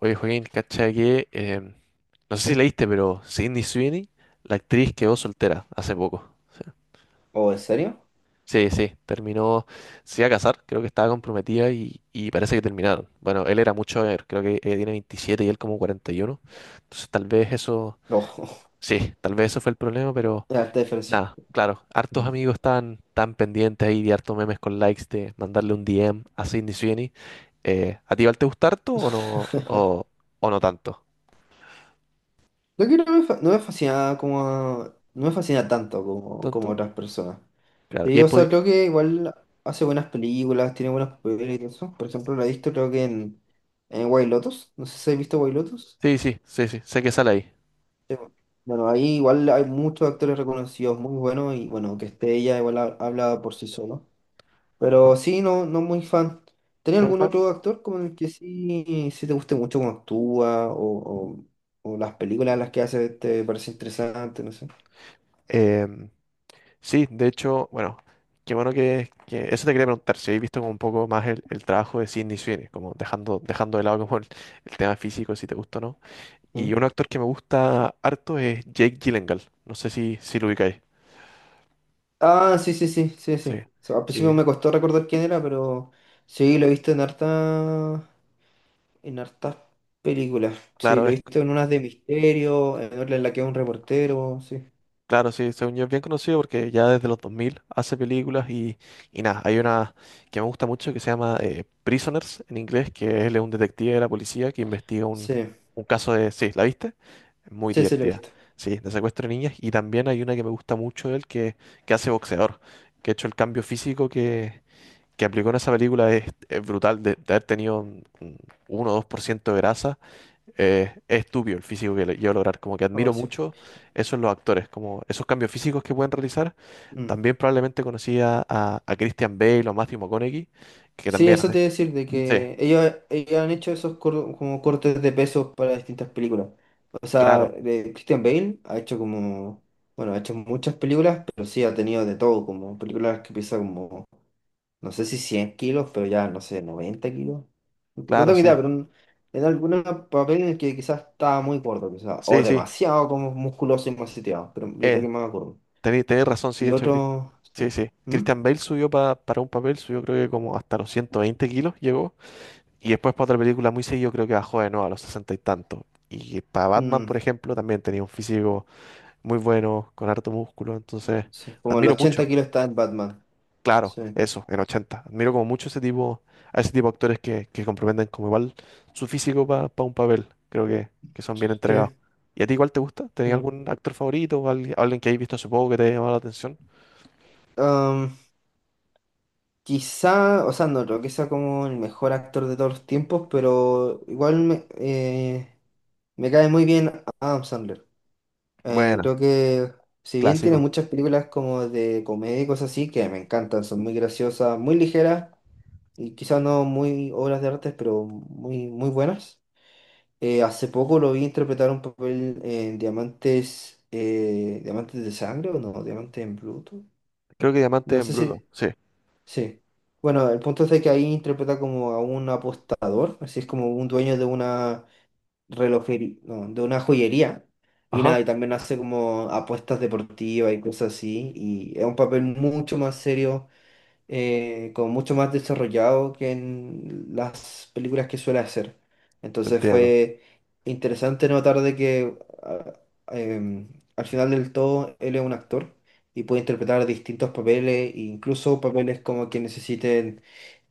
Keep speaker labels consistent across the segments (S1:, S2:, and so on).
S1: Oye, Joaquín, cacha que, no sé si leíste, pero Sydney Sweeney, la actriz, quedó soltera hace poco.
S2: ¿O en serio?
S1: Sí, sí, sí, terminó, se iba a casar, creo que estaba comprometida y parece que terminaron. Bueno, él era mucho mayor, creo que ella tiene 27 y él como 41. Entonces tal vez eso,
S2: No,
S1: sí, tal vez eso fue el problema, pero
S2: es harta diferencia.
S1: nada, claro, hartos
S2: Mm.
S1: amigos están tan pendientes ahí de hartos memes con likes de mandarle un DM a Sydney Sweeney. ¿A ti igual te gusta harto o no, o no tanto?
S2: Lo que no me, no me fascina como... No me fascina tanto como, como
S1: ¿Tanto?
S2: otras personas.
S1: Claro, y
S2: Sí,
S1: ahí
S2: o sea, creo que igual hace buenas películas, tiene buenos papeles y todo eso. Por ejemplo, la he visto creo que en White Lotus. No sé si has visto White Lotus.
S1: Sí, sí, sí, sí, sé que sale ahí.
S2: Sí, bueno. Bueno, Ahí igual hay muchos actores reconocidos muy buenos y bueno, que esté ella igual habla por sí solo.
S1: Ajá.
S2: Pero sí, no, no muy fan. ¿Tenés
S1: ¿No eres
S2: algún
S1: fan?
S2: otro actor con el que sí, sí te guste mucho cómo actúa o las películas las que hace te parece interesante, no sé?
S1: Em, sí, de hecho, bueno, qué bueno Eso te quería preguntar, si habéis visto como un poco más el trabajo de Sidney Sweeney, como dejando de lado como el tema físico, si te gusta o no.
S2: ¿Mm?
S1: Y un actor que me gusta harto es Jake Gyllenhaal, no sé si lo ubicáis.
S2: Ah, sí, sí, sí, sí, sí.
S1: Sí,
S2: O sea, al principio
S1: sí,
S2: me costó recordar quién era, pero sí, lo he visto en en hartas películas. Sí,
S1: claro,
S2: lo he
S1: es
S2: visto en unas de misterio, en otra en la que es un reportero, sí.
S1: claro, sí, según yo es bien conocido porque ya desde los 2000 hace películas y nada, hay una que me gusta mucho que se llama Prisoners en inglés, que él es un detective de la policía que investiga un,
S2: Sí,
S1: un caso de... Sí, ¿la viste? Muy Sí,
S2: sí, sí, lo he
S1: divertida,
S2: visto.
S1: sí. Sí, de secuestro de niñas. Y también hay una que me gusta mucho de él que hace boxeador, que, de hecho el cambio físico que aplicó en esa película es brutal, de haber tenido un 1 o 2% de grasa. Es estúpido el físico que lleva a lograr. Como que admiro
S2: Oh, sí.
S1: mucho eso en los actores, como esos cambios físicos que pueden realizar.
S2: Mm.
S1: También probablemente conocía a Christian Bale o Matthew McConaughey, que
S2: Sí,
S1: también.
S2: eso te iba a decir, de
S1: Sí,
S2: que ellos han hecho esos como cortes de pesos para distintas películas. O sea,
S1: claro,
S2: de Christian Bale ha hecho como, bueno, ha hecho muchas películas, pero sí ha tenido de todo, como películas que pesan como, no sé si 100 kilos, pero ya, no sé, 90 kilos. No
S1: claro,
S2: tengo idea,
S1: sí.
S2: pero en algún papel en el que quizás estaba muy gordo, quizás, o
S1: Sí, sí.
S2: demasiado como musculoso y maceteado, pero yo creo
S1: Eh,
S2: que más gordo.
S1: tenés razón, sí,
S2: Y
S1: de hecho,
S2: otro, sí.
S1: sí, sí.
S2: ¿Mm?
S1: Christian Bale subió para un papel, subió creo que como hasta los 120 kilos llegó. Y después para otra película muy seguido creo que bajó de nuevo a los 60 y tantos. Y para Batman, por
S2: Mm,
S1: ejemplo, también tenía un físico muy bueno, con harto músculo. Entonces,
S2: sí, como el
S1: admiro mucho.
S2: 80 kilos está en Batman,
S1: Claro,
S2: sí.
S1: eso, en 80. Admiro como mucho ese tipo, a ese tipo de actores que comprometen como igual su físico para un papel. Creo que son bien
S2: Sí.
S1: entregados. ¿Y a ti igual te gusta? ¿Tenés
S2: Mm.
S1: algún actor favorito o alguien que hayas visto hace poco que te haya llamado la atención?
S2: Um, Quizá, o sea, no creo que sea como el mejor actor de todos los tiempos, pero igual me, me cae muy bien Adam Sandler.
S1: Bueno,
S2: Creo que si bien tiene
S1: clásico.
S2: muchas películas como de comedia y cosas así, que me encantan, son muy graciosas, muy ligeras y quizá no muy obras de arte, pero muy, muy buenas. Hace poco lo vi interpretar un papel en Diamantes, Diamantes de Sangre o no, Diamantes en Bruto.
S1: Creo que Diamante
S2: No
S1: en
S2: sé
S1: Bruto,
S2: si.
S1: sí.
S2: Sí. Bueno, el punto es de que ahí interpreta como a un apostador, así es como un dueño de una relojería, no, de una joyería. Y
S1: Ajá.
S2: nada, y también hace como apuestas deportivas y cosas así. Y es un papel mucho más serio, como mucho más desarrollado que en las películas que suele hacer. Entonces
S1: Entiendo.
S2: fue interesante notar de que a- em, al final del todo él es un actor y puede interpretar distintos papeles, incluso papeles como que necesiten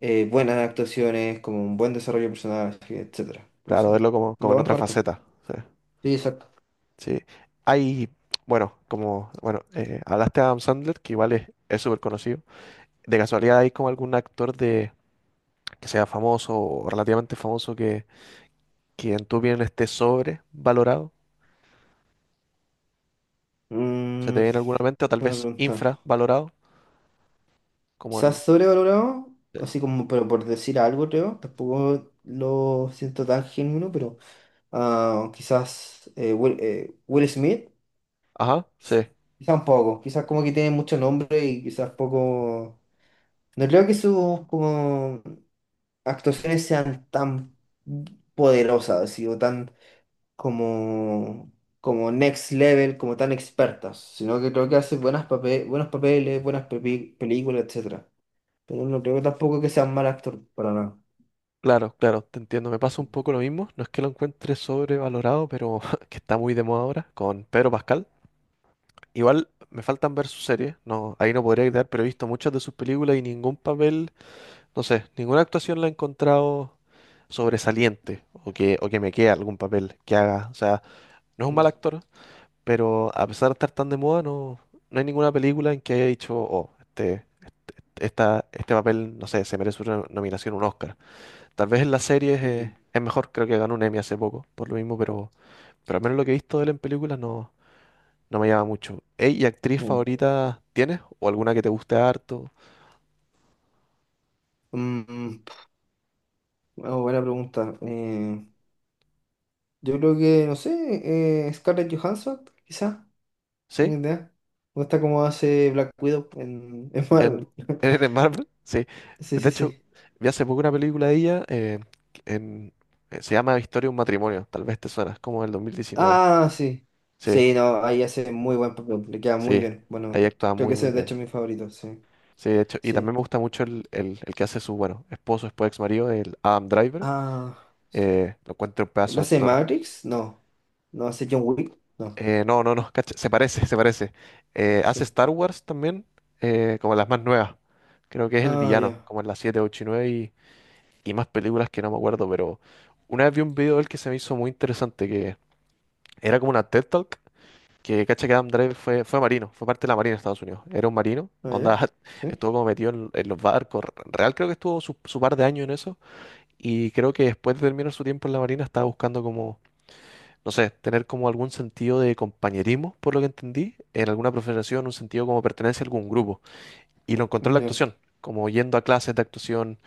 S2: buenas actuaciones, como un buen desarrollo personal, etcétera.
S1: Claro,
S2: Entonces,
S1: verlo como
S2: lo
S1: en
S2: van
S1: otra
S2: corto.
S1: faceta. Sí.
S2: Sí, exacto.
S1: Sí. Hay, bueno, como, bueno, hablaste de Adam Sandler, que igual es súper conocido. ¿De casualidad hay como algún actor de que sea famoso o relativamente famoso que en tu opinión esté sobrevalorado? ¿Se te
S2: Mm,
S1: viene alguna mente? O tal
S2: buena
S1: vez
S2: pregunta.
S1: infravalorado, como
S2: Quizás
S1: el.
S2: sobrevalorado,
S1: eh,
S2: así como, pero por decir algo, creo. Tampoco lo siento tan genuino, pero ah, quizás Will Smith,
S1: Ajá, sí,
S2: quizás un poco. Quizás como que tiene mucho nombre y quizás poco. No creo que sus como actuaciones sean tan poderosas, así, o tan como, como next level, como tan expertas, sino que creo que hace buenas buenos papeles, buenas películas, etc. Pero no creo que tampoco que sea un mal actor, para nada.
S1: claro, claro, te entiendo. Me pasa un poco lo mismo. No es que lo encuentre sobrevalorado, pero que está muy de moda ahora, con Pedro Pascal. Igual me faltan ver sus series, no, ahí no podría quedar, pero he visto muchas de sus películas y ningún papel, no sé, ninguna actuación la he encontrado sobresaliente o que me quede algún papel que haga. O sea, no es un mal
S2: No.
S1: actor. Pero a pesar de estar tan de moda, no, no hay ninguna película en que haya dicho: oh, este, esta, este papel, no sé, se merece una nominación, un Oscar. Tal vez en las series
S2: Mm,
S1: es mejor, creo que ganó un Emmy hace poco, por lo mismo, pero, al menos lo que he visto de él en películas no, no me llama mucho. Ey, ¿y actriz
S2: no.
S1: favorita tienes? ¿O alguna que te guste harto?
S2: Mm, ah, buena pregunta. Yo creo que, no sé, Scarlett Johansson, quizás, no tengo
S1: ¿Sí?
S2: idea. O está como hace Black Widow en
S1: ¿En,
S2: Marvel.
S1: en, en Marvel? Sí.
S2: Sí,
S1: De
S2: sí,
S1: hecho,
S2: sí.
S1: vi hace poco una película de ella, en, se llama Historia de un matrimonio, tal vez te suena, es como del 2019.
S2: Ah, sí.
S1: Sí.
S2: Sí, no, ahí hace muy buen papel, le queda muy
S1: Sí,
S2: bien.
S1: ahí
S2: Bueno,
S1: actúa
S2: creo que
S1: muy,
S2: ese
S1: muy
S2: es de
S1: bien.
S2: hecho mi favorito, sí.
S1: Sí, de hecho, y también
S2: Sí.
S1: me gusta mucho el que hace su, bueno, esposo, después ex marido, el Adam Driver.
S2: Ah, sí.
S1: Lo encuentro un
S2: ¿Él
S1: pedazo de
S2: hace
S1: actor.
S2: Matrix? No. ¿No hace John Wick? No.
S1: No, no, no, cacha, se parece, se parece. Hace
S2: Sí.
S1: Star Wars también, como las más nuevas. Creo que es el
S2: Ah,
S1: villano,
S2: ya.
S1: como en las 7, 8 y 9 y más películas que no me acuerdo, pero una vez vi un video de él que se me hizo muy interesante, que era como una TED Talk. Que cacha que Adam Driver fue marino, fue parte de la Marina de Estados Unidos. Era un marino,
S2: Ah,
S1: onda,
S2: ya. Sí.
S1: estuvo como metido en los barcos. Real creo que estuvo su par de años en eso. Y creo que después de terminar su tiempo en la Marina estaba buscando como, no sé, tener como algún sentido de compañerismo, por lo que entendí, en alguna profesión, un sentido como pertenencia a algún grupo. Y lo encontró en la
S2: Ya,
S1: actuación, como yendo a clases de actuación,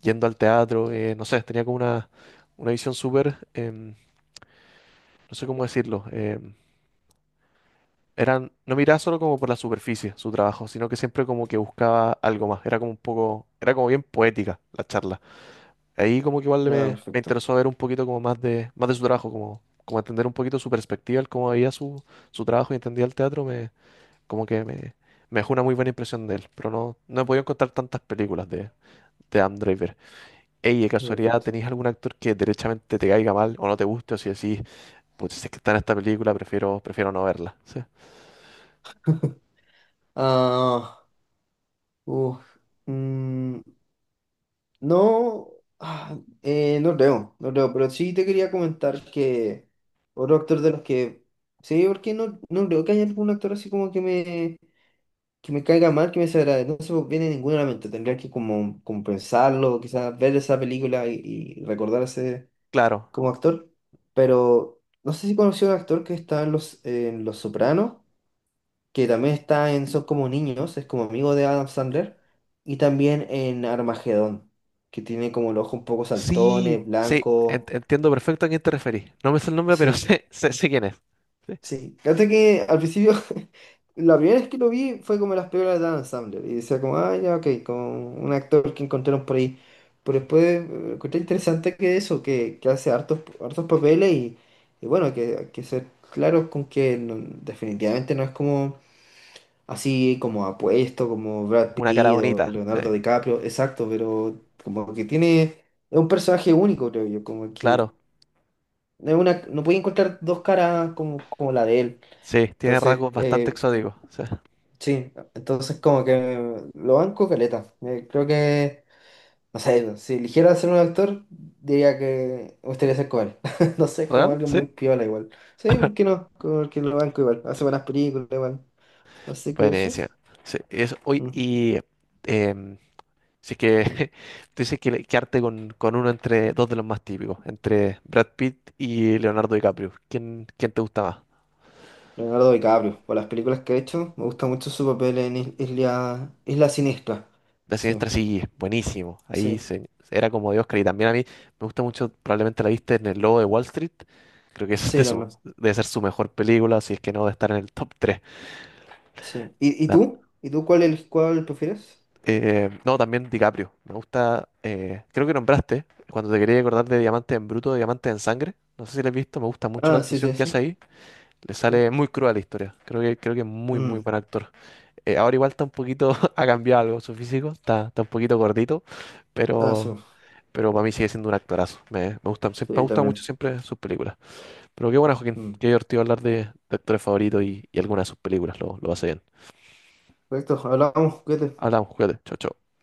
S1: yendo al teatro, no sé, tenía como una visión súper, no sé cómo decirlo, no miraba solo como por la superficie su trabajo, sino que siempre como que buscaba algo más. Era como un poco, era como bien poética la charla. Ahí como que igual
S2: ya,
S1: me
S2: perfecto.
S1: interesó ver un poquito como más de su trabajo, como entender un poquito su perspectiva, el cómo veía su trabajo y entendía el teatro, como que me dejó una muy buena impresión de él. Pero no, no he podido encontrar tantas películas de Adam Driver. Ey, de
S2: Ya,
S1: casualidad,
S2: perfecto.
S1: ¿tenéis algún actor que derechamente te caiga mal o no te guste o si decís, pues si es que está en esta película, prefiero no verla? Sí.
S2: Ah, uf, mm, no, ah, no creo, no creo, pero sí te quería comentar que otro actor de los que, sí, porque no, no creo que haya algún actor así como que que me caiga mal, que me desagrade, no se me viene ninguno a la mente, tendría que como, como pensarlo, quizás ver esa película y recordarse
S1: Claro,
S2: como actor, pero no sé si conoció a un actor que está en en Los Sopranos, que también está en Son como niños, es como amigo de Adam Sandler, y también en Armagedón, que tiene como el ojo un poco
S1: sí,
S2: saltones,
S1: sí,
S2: blanco.
S1: entiendo perfecto a quién te referís. No me sé el nombre, pero
S2: Sí,
S1: sé, sé, sé quién es. Sí.
S2: sí. Fíjate que al principio, la primera vez que lo vi fue como en las películas de Adam Sandler, y decía como, ah, ya, ok, como un actor que encontraron por ahí. Pero después encontré interesante que eso, que hace hartos papeles y bueno, que hay que ser claros con que definitivamente no es como así como apuesto, como Brad
S1: Una cara
S2: Pitt o
S1: bonita, sí,
S2: Leonardo DiCaprio, exacto, pero como que tiene, es un personaje único, creo yo, como que
S1: claro.
S2: es una, no puede encontrar dos caras como, como la de él.
S1: Sí, tiene
S2: Entonces,
S1: rasgos bastante exóticos. Sí.
S2: sí, entonces como que lo banco caleta. Creo que, no sé, si eligiera ser un actor, diría que me gustaría ser como él. No sé, es como
S1: ¿Real?
S2: alguien muy
S1: Sí.
S2: piola igual. Sí, ¿por qué no? Porque lo banco igual, hace buenas películas igual. Así que eso.
S1: Buenísimo. Sí, eso, oye,
S2: Mm.
S1: y em, si es que tú dices que arte con uno entre dos de los más típicos, entre Brad Pitt y Leonardo DiCaprio. ¿Quién te gusta más?
S2: Leonardo DiCaprio, por las películas que ha hecho, me gusta mucho su papel en Isla, Isla Siniestra.
S1: La
S2: Sí,
S1: Siniestra, sí, buenísimo. Ahí
S2: sí,
S1: era como de Oscar. Y también a mí me gusta mucho, probablemente la viste, en El Lobo de Wall Street. Creo que es de
S2: sí, también.
S1: debe ser su mejor película, si es que no, de estar en el top 3.
S2: Sí. Y tú? ¿Y tú cuál, el, cuál prefieres?
S1: No, también DiCaprio. Me gusta, creo que nombraste, cuando te quería acordar, de Diamante en Bruto, Diamante en Sangre. No sé si la has visto, me gusta mucho la
S2: Ah, sí,
S1: actuación
S2: sí,
S1: que hace
S2: sí.
S1: ahí. Le
S2: Sí.
S1: sale muy cruda la historia. Creo que es muy, muy
S2: Mm.
S1: buen actor. Ahora igual está un poquito, ha cambiado algo su físico, está un poquito gordito,
S2: Ah, sí,
S1: pero para mí sigue siendo un actorazo. Me gustan, siempre, me
S2: sí,
S1: gustan mucho
S2: también.
S1: siempre sus películas. Pero qué bueno, Joaquín.
S2: Mm.
S1: Qué divertido hablar de actores favoritos y algunas de sus películas. Lo hace bien.
S2: Perfecto, hablamos, cuídate.
S1: Hablamos, cuídate. Chao, chao.